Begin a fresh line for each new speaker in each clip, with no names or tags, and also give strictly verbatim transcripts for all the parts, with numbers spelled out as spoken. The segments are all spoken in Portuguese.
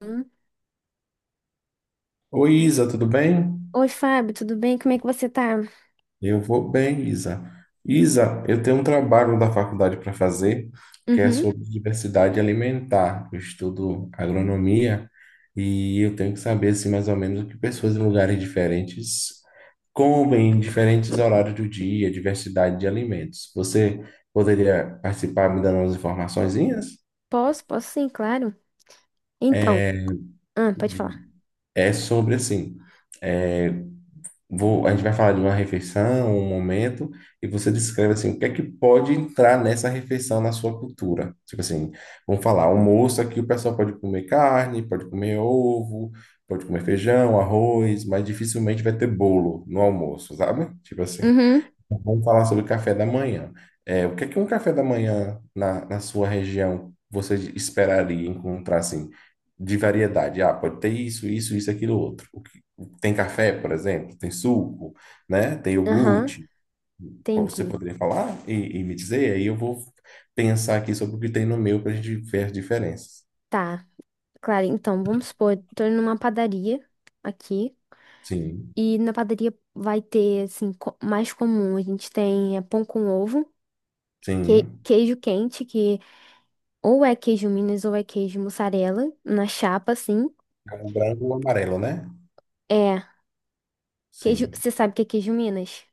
Hum.
Oi, Isa, tudo bem?
Oi, Fábio, tudo bem? Como é que você tá?
Eu vou bem, Isa. Isa, eu tenho um trabalho da faculdade para fazer, que é
Uhum.
sobre diversidade alimentar. Eu estudo agronomia e eu tenho que saber, assim, mais ou menos o que pessoas em lugares diferentes comem em diferentes horários do dia, diversidade de alimentos. Você poderia participar me dando umas informaçõezinhas?
Posso? Posso sim, claro. Então, ah, pode
De-
falar.
É sobre, assim, é, Vou, a gente vai falar de uma refeição, um momento, e você descreve assim, o que é que pode entrar nessa refeição na sua cultura? Tipo assim, vamos falar, almoço aqui o pessoal pode comer carne, pode comer ovo, pode comer feijão, arroz, mas dificilmente vai ter bolo no almoço, sabe? Tipo assim.
Uhum.
Vamos falar sobre café da manhã. É, o que é que um café da manhã na, na sua região você esperaria encontrar assim de variedade? Ah, pode ter isso, isso, isso, aquilo, outro. O que- tem café, por exemplo, tem suco, né? Tem
Aham,
iogurte. Você
entendi.
poderia falar e, e me dizer? Aí eu vou pensar aqui sobre o que tem no meu para a gente ver as diferenças.
Tá, claro. Então, vamos supor, tô indo numa padaria aqui
Sim,
e na padaria vai ter, assim, co- mais comum. A gente tem é, pão com ovo, que-
sim.
queijo quente, que ou é queijo Minas ou é queijo mussarela, na chapa, assim.
É um branco ou amarelo, né?
É, queijo,
Sim.
você sabe o que é queijo Minas,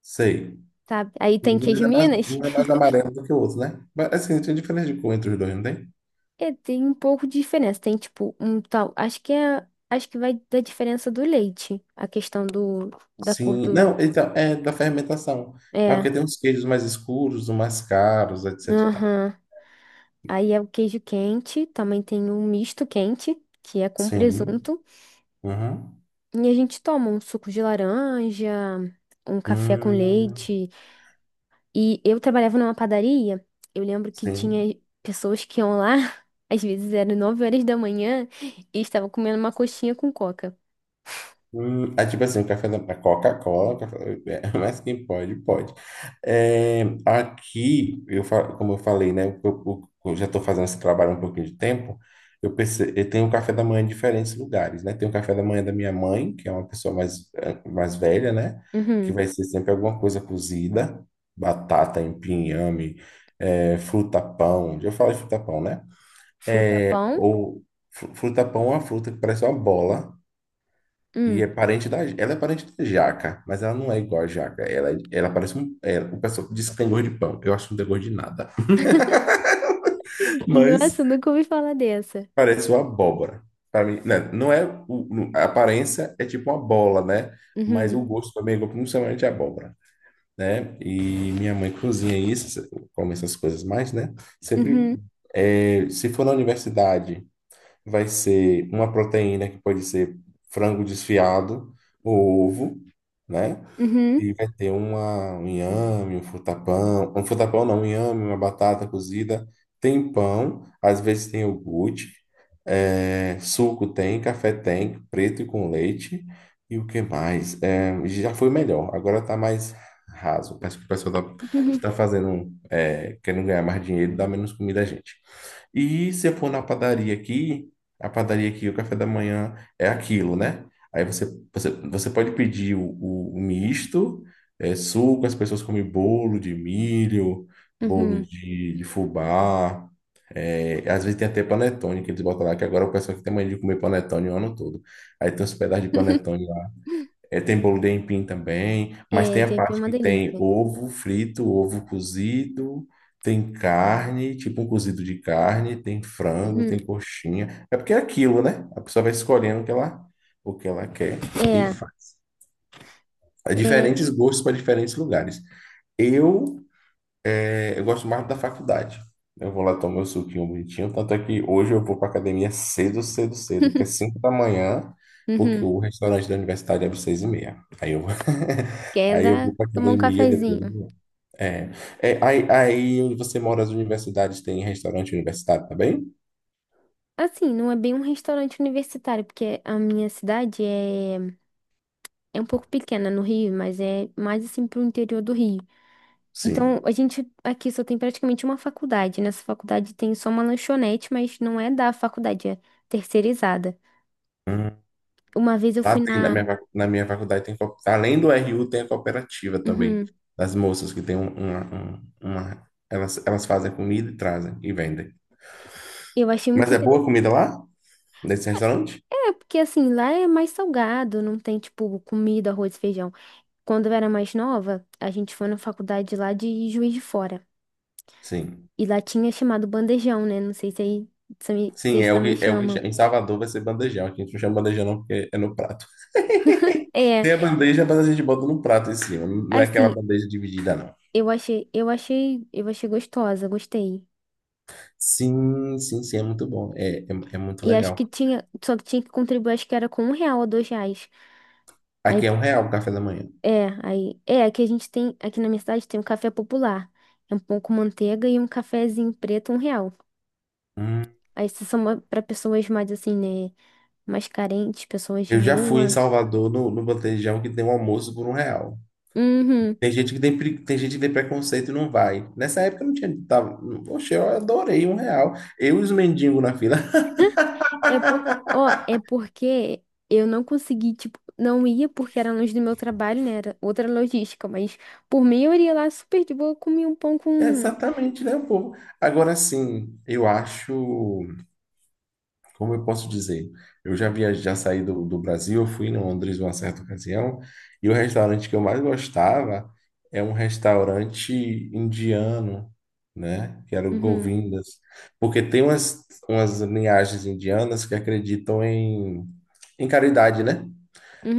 Sei.
sabe? Aí tem
Ele
queijo
é mais,
Minas?
um é mais amarelo do que o outro, né? Mas, assim, tem diferença de cor entre os dois, não tem?
É, tem um pouco de diferença. Tem tipo um tal. Acho que é. Acho que vai da diferença do leite. A questão do, da cor
Sim, não,
do.
então, é da fermentação. Mas porque
É.
tem uns queijos mais escuros, uns mais caros, etc e tal.
Aham. Aí é o queijo quente. Também tem um misto quente, que é com
Sim.
presunto.
Uhum.
E a gente toma um suco de laranja, um café com
Hum,
leite. E eu trabalhava numa padaria. Eu lembro que
sim.
tinha pessoas que iam lá. Às vezes eram nove horas da manhã e estavam comendo uma coxinha com coca.
Hum, ah, tipo assim, o café da a Coca-Cola, o café- mas quem pode, pode. É, aqui, eu, fa- como eu falei, né? Eu, eu- eu já estou fazendo esse trabalho há um pouquinho de tempo. Eu, perce- eu tenho um café da manhã em diferentes lugares, né? Tem o café da manhã da minha mãe, que é uma pessoa mais, eh, mais velha, né? Que
Uhum.
vai ser sempre alguma coisa cozida, batata, empim, inhame, eh, fruta pão. Já falei fruta pão, né?
Fruta
É,
pão.
ou fru- fruta pão é uma fruta que parece uma bola. E é
Hum.
parente da. Ela é parente da jaca, mas ela não é igual a jaca. Ela, é, ela parece um. É, o pessoal diz que tem gosto de pão. Eu acho que não tem gosto de nada. Mas
Nossa, nunca ouvi falar dessa.
parece uma abóbora. Para mim, né, não é. O- não- a aparência é tipo uma bola, né? Mas
Uhum,
o gosto também é igual, principalmente a abóbora, né? E minha mãe cozinha isso, come essas coisas mais, né? Sempre.
uhum,
é, se for na universidade, vai ser uma proteína que pode ser frango desfiado, ou ovo, né?
uhum,
E vai ter uma, um inhame, um frutapão. Um frutapão não, um inhame, uma batata cozida. Tem pão, às vezes tem iogurte. é, suco tem, café tem, preto e com leite. E o que mais? É, já foi melhor, agora tá mais raso. Parece que o pessoal tá,
uhum,
tá fazendo, é, querendo ganhar mais dinheiro, dá menos comida a gente. E se eu for na padaria aqui, a padaria aqui, o café da manhã é aquilo, né? Aí você, você, você pode pedir o, o- o misto, é, suco, as pessoas comem bolo de milho, bolo
uhum.
de, de fubá, é, às vezes tem até panetone que eles botam lá, que agora o pessoal que tem mania de comer panetone o ano todo. Aí tem uns pedaços de panetone é, tem bolo de aipim também, mas
É,
tem a
J P é
parte
uma
que tem
delícia.
ovo frito, ovo cozido, tem carne, tipo um cozido de carne, tem frango,
Uhum.
tem coxinha. É porque é aquilo, né? A pessoa vai escolhendo o que ela, o que ela quer e
É,
faz. Há
é.
diferentes gostos para diferentes lugares. Eu é, Eu gosto mais da faculdade. Eu vou lá tomar meu suquinho bonitinho. Tanto é que hoje eu vou para academia cedo, cedo, cedo, porque é cinco da manhã, porque
Uhum.
o restaurante da universidade abre seis e meia. Aí eu, vou-
Quer
aí eu
dar,
vou para
tomar um
academia depois. Eu
cafezinho.
vou. É, é, aí, aí onde você mora, as universidades têm restaurante universitário também?
Assim, não é bem um restaurante universitário, porque a minha cidade é, é um pouco pequena no Rio, mas é mais assim pro interior do Rio. Então,
Sim.
a gente aqui só tem praticamente uma faculdade. Nessa faculdade tem só uma lanchonete, mas não é da faculdade, é terceirizada.
Hum.
Uma vez eu
Lá
fui
tem, na
na.
minha, va- na minha faculdade tem, co- além do R U, tem a cooperativa também,
Uhum.
das moças que tem um- uma, um- uma- elas, elas fazem comida e trazem e vendem.
Eu achei muito
Mas é boa a
interessante.
comida lá? Nesse restaurante?
É, é, porque assim, lá é mais salgado, não tem, tipo, comida, arroz e feijão. Quando eu era mais nova, a gente foi na faculdade lá de Juiz de Fora.
Sim.
E lá tinha chamado bandejão, né? Não sei se aí se-
Sim,
vocês
é o
também
que, é o que cha-
chamam.
em Salvador vai ser bandejão. Aqui a gente não chama bandejão não, porque é no prato.
É,
Tem a bandeja, mas a gente bota no prato em cima. Não é aquela
assim,
bandeja dividida, não.
eu achei, eu achei, eu achei gostosa, gostei.
Sim, sim, sim, é muito bom. É, é, é muito
E acho que
legal.
tinha, só que tinha que contribuir, acho que era com um real ou dois reais. Aí,
Aqui é um real o café da manhã.
é, aí, é, aqui a gente tem, aqui na minha cidade tem um café popular. É um pão com manteiga e um cafezinho preto, um real.
Hum.
Aí isso são ma- pessoas mais assim, né? Mais carentes, pessoas de
Eu já fui em
rua.
Salvador no, no bandejão que tem um almoço por um real.
Uhum.
Tem gente que tem, pre- tem gente que tem preconceito e não vai. Nessa época eu não tinha. Tava, poxa, eu adorei um real. Eu e os mendigos na fila.
É porque ó, é porque eu não consegui, tipo, não ia porque era longe do meu trabalho, né? Era outra logística, mas por mim eu iria lá super de boa, comia um pão
É
com.
exatamente, né, o povo? Agora sim, eu acho. Como eu posso dizer? Eu já viajei, já saí do, do Brasil, eu fui em Londres uma certa ocasião, e o restaurante que eu mais gostava é um restaurante indiano, né? Que era o
Uhum,
Govindas. Porque tem umas, umas linhagens indianas que acreditam em, em caridade, né?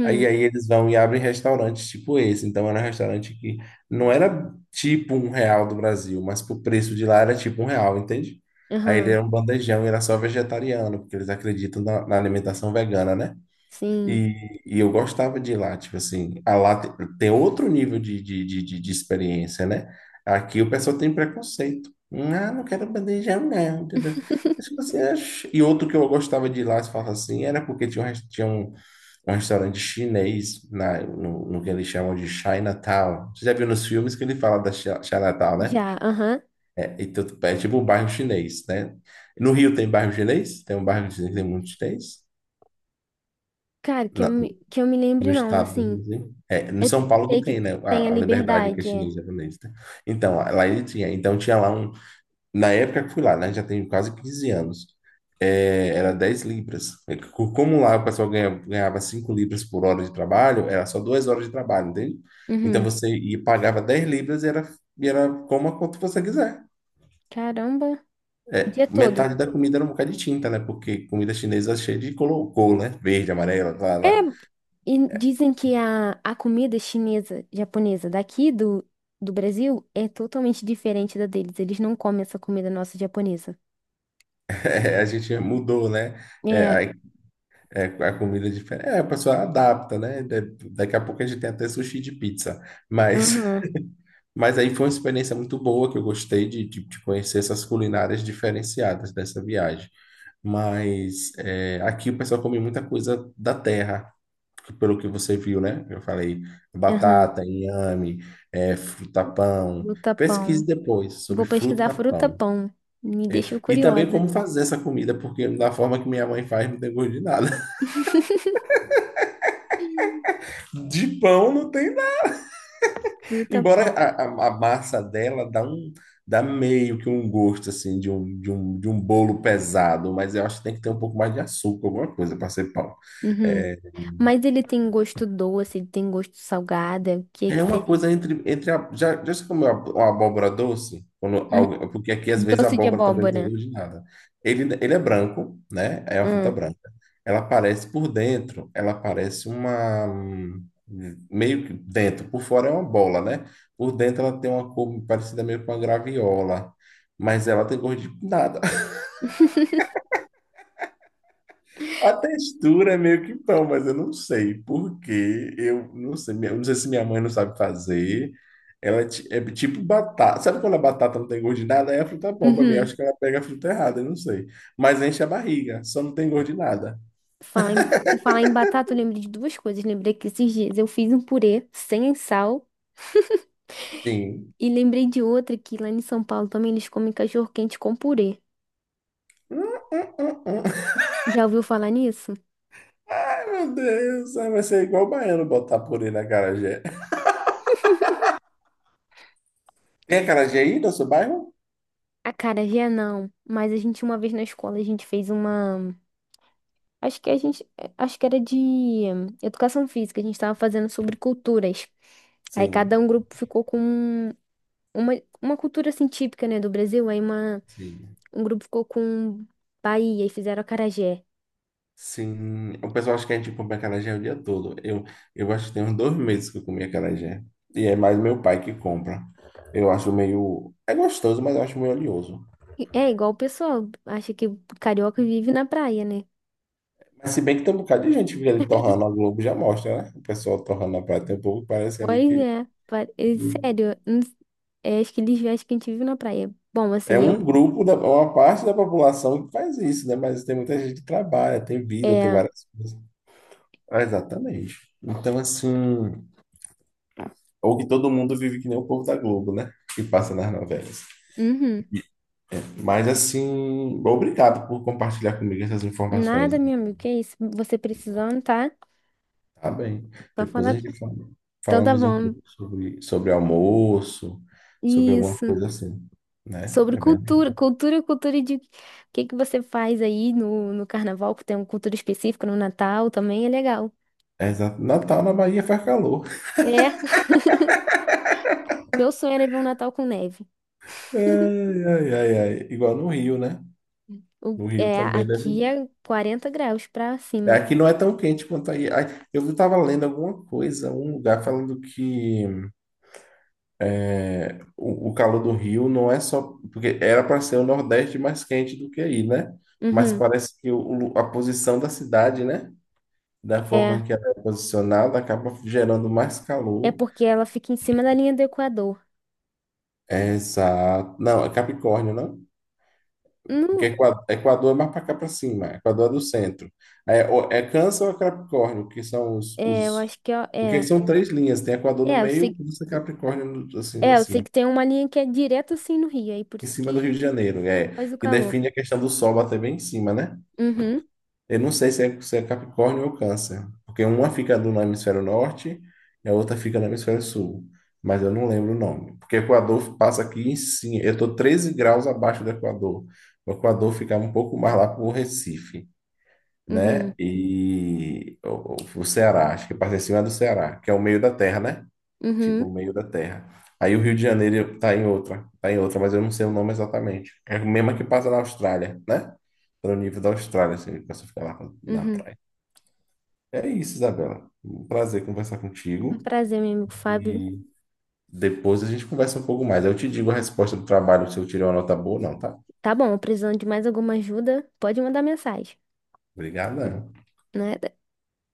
Aí, aí eles vão e abrem restaurantes tipo esse. Então era um restaurante que não era tipo um real do Brasil, mas pro preço de lá era tipo um real, entende? Aí ele
aham,
era um bandejão e era só vegetariano, porque eles acreditam na, na alimentação vegana, né?
sim.
E, e eu gostava de ir lá, tipo assim, a lá te- tem outro nível de, de, de, de- de experiência, né? Aqui o pessoal tem preconceito. Ah, não quero bandejão, não. Entendeu? Mas, tipo assim, ach- e outro que eu gostava de ir lá, se fala assim, era porque tinha um, res- tinha um, um restaurante chinês na, no, no que eles chamam de Chinatown. Você já viu nos filmes que ele fala da Chi- Chinatown, né?
Já, aham.
É, então, é tipo o bairro chinês, né? No Rio tem bairro chinês? Tem um bairro chinês que tem muito chinês?
Cara, que eu, me- que eu me
No
lembre, não,
estado,
assim.
brasileiro. é, no
Eu
São Paulo que
sei que
tem, né,
tem a
a, a liberdade que é
liberdade, é.
chinesa japonesa. Tá? Então, lá ele tinha, então tinha lá um, na época que fui lá, né, já tem quase quinze anos, é, era dez libras. É que co- Como lá o pessoal ganha- ganhava cinco libras por hora de trabalho, era só duas horas de trabalho, entende? Então
Uhum.
você ia, pagava dez libras e era, e era coma quanto você quiser.
Caramba, o dia todo.
Metade da comida era um bocado de tinta, né, porque comida chinesa é cheia de colocou, né, verde, amarelo, lá,
É,
lá.
e dizem que a, a comida chinesa, japonesa daqui do, do Brasil é totalmente diferente da deles. Eles não comem essa comida nossa japonesa.
É, a gente mudou, né, é,
É,
aí é, a comida é diferente. É, a pessoa adapta, né? Da- Daqui a pouco a gente tem até sushi de pizza. Mas,
aham,
mas aí foi uma experiência muito boa que eu gostei de, de, de conhecer essas culinárias diferenciadas dessa viagem. Mas é, aqui o pessoal come muita coisa da terra, pelo que você viu, né? Eu falei
aham,
batata, inhame, é, fruta-pão.
fruta
Pesquise
pão.
depois sobre
Vou pesquisar fruta
fruta-pão.
pão. Me deixou
E também
curiosa.
como fazer essa comida, porque da forma que minha mãe faz, não tem gosto de nada. De pão não tem.
Fruta
Embora
pão.
a, a- a massa dela dá um, dá meio que um gosto assim de um, de um, de um, bolo pesado, mas eu acho que tem que ter um pouco mais de açúcar, alguma coisa para ser pão.
Uhum. Mas ele tem gosto doce, ele tem gosto salgado. O que que
É uma coisa
seria?
entre, entre a- já, já se comeu ab- uma abóbora doce? Quando
Hum,
alguém- porque aqui às vezes a
Doce de
abóbora também não tem
abóbora.
gosto de nada. Ele, ele é branco, né? É uma fruta
Hum.
branca. Ela parece por dentro, ela parece uma hum, meio que dentro, por fora é uma bola, né? Por dentro ela tem uma cor parecida meio com uma graviola, mas ela tem gosto de nada. A textura é meio que pão, mas eu não sei por quê. Eu não sei, minha- eu não sei se minha mãe não sabe fazer. Ela é ti- é tipo batata. Sabe quando a batata não tem gosto de nada? Aí a fruta é bom pra mim. Eu acho
Uhum.
que ela pega a fruta errada, eu não sei. Mas enche a barriga, só não tem gosto de nada.
Falar em, e falar em batata, eu lembrei de duas coisas. Lembrei que esses dias eu fiz um purê sem sal.
Sim.
E lembrei de outra que lá em São Paulo também eles comem cachorro-quente com purê.
Hum, hum, hum, hum.
Já ouviu falar nisso?
Ai, meu Deus, vai ser igual o baiano botar purê na acarajé. Tem acarajé aí no seu bairro?
Acarajé não, mas a gente uma vez na escola a gente fez uma, acho que a gente, acho que era de hum, educação física, a gente estava fazendo sobre culturas. Aí cada
Sim,
um grupo ficou com uma, uma cultura assim típica, né, do Brasil, aí uma
sim.
um grupo ficou com Bahia e fizeram acarajé.
Sim, o pessoal acha que a gente compra acarajé o dia todo. Eu, eu acho que tem uns dois meses que eu comi acarajé. E é mais meu pai que compra. Eu acho meio. É gostoso, mas eu acho meio oleoso.
É igual o pessoal acha que carioca vive na praia, né?
Mas se bem que tem um bocado de gente que fica ali torrando, a Globo já mostra, né? O pessoal torrando a praia. Tem um pouco que parece ali
Pois
que.
é, pa- é
que
sério, não s- é, acho que eles acham que a gente vive na praia. Bom,
É
assim, eu.
um grupo, da, uma parte da população que faz isso, né? Mas tem muita gente que trabalha, tem vida, tem
É.
várias coisas. Ah, exatamente. Então, assim. Ou que todo mundo vive que nem o povo da Globo, né? Que passa nas novelas.
Uhum.
Mas assim, obrigado por compartilhar comigo essas informações.
Nada, meu amigo, que é isso? Você precisando, tá?
Tá bem.
Só
Depois
falar.
a
com-
gente fala-
Então tá
falamos um
bom.
pouco sobre, sobre almoço, sobre alguma
Isso.
coisa assim, né?
Sobre
É bem...
cultura, cultura, cultura de. O que que você faz aí no, no carnaval, que tem uma cultura específica no Natal também é legal.
é exa- Natal na Bahia faz calor.
É, meu sonho era ver um Natal com neve.
Ai, ai, ai, ai. Igual no Rio, né?
O,
No Rio
é,
também
aqui
deve.
é quarenta graus pra cima.
Aqui não é tão quente quanto aí. Ai, eu estava lendo alguma coisa, um lugar falando que O, o calor do Rio não é só. Porque era para ser o Nordeste mais quente do que aí, né? Mas
Uhum.
parece que o, o- a posição da cidade, né? Da
É,
forma que ela é posicionada, acaba gerando mais
é
calor.
porque ela fica em cima da linha do Equador.
Exato. Não, é Capricórnio, não?
Não,
Porque Equa- Equador é mais para cá para cima. Equador é do centro. É, ou- é Câncer ou é Capricórnio, que são os,
é, eu
os.
acho que é,
Porque
é,
são três linhas. Tem Equador no
é, eu
meio,
sei,
Câncer e Capricórnio no- assim,
é, eu sei
assim,
que tem uma linha que é direto assim no Rio, aí por
em
isso
cima do
que
Rio de Janeiro.
faz
É,
o
que
calor.
define a questão do Sol bater bem em cima, né?
Uhum,
Eu não sei se é, se é Capricórnio ou Câncer, porque uma fica no hemisfério norte e a outra fica no hemisfério sul, mas eu não lembro o nome, porque o Equador passa aqui em cima, eu estou treze graus abaixo do Equador, o Equador fica um pouco mais lá para o Recife, né?
uhum,
E o, o o Ceará, acho que passa em cima do Ceará, que é o meio da terra, né? Tipo
uhum,
o meio da Terra. Aí o Rio de Janeiro tá em outra, tá em outra, mas eu não sei o nome exatamente. É a mesma que passa na Austrália, né? Pelo nível da Austrália, assim, que você fica lá na
uhum.
praia. É isso, Isabela. Um prazer conversar
Um
contigo.
prazer, meu amigo Fábio.
E depois a gente conversa um pouco mais. Eu te digo a resposta do trabalho se eu tirei uma nota boa ou não, tá?
Tá bom, precisando de mais alguma ajuda, pode mandar mensagem,
Obrigado.
né?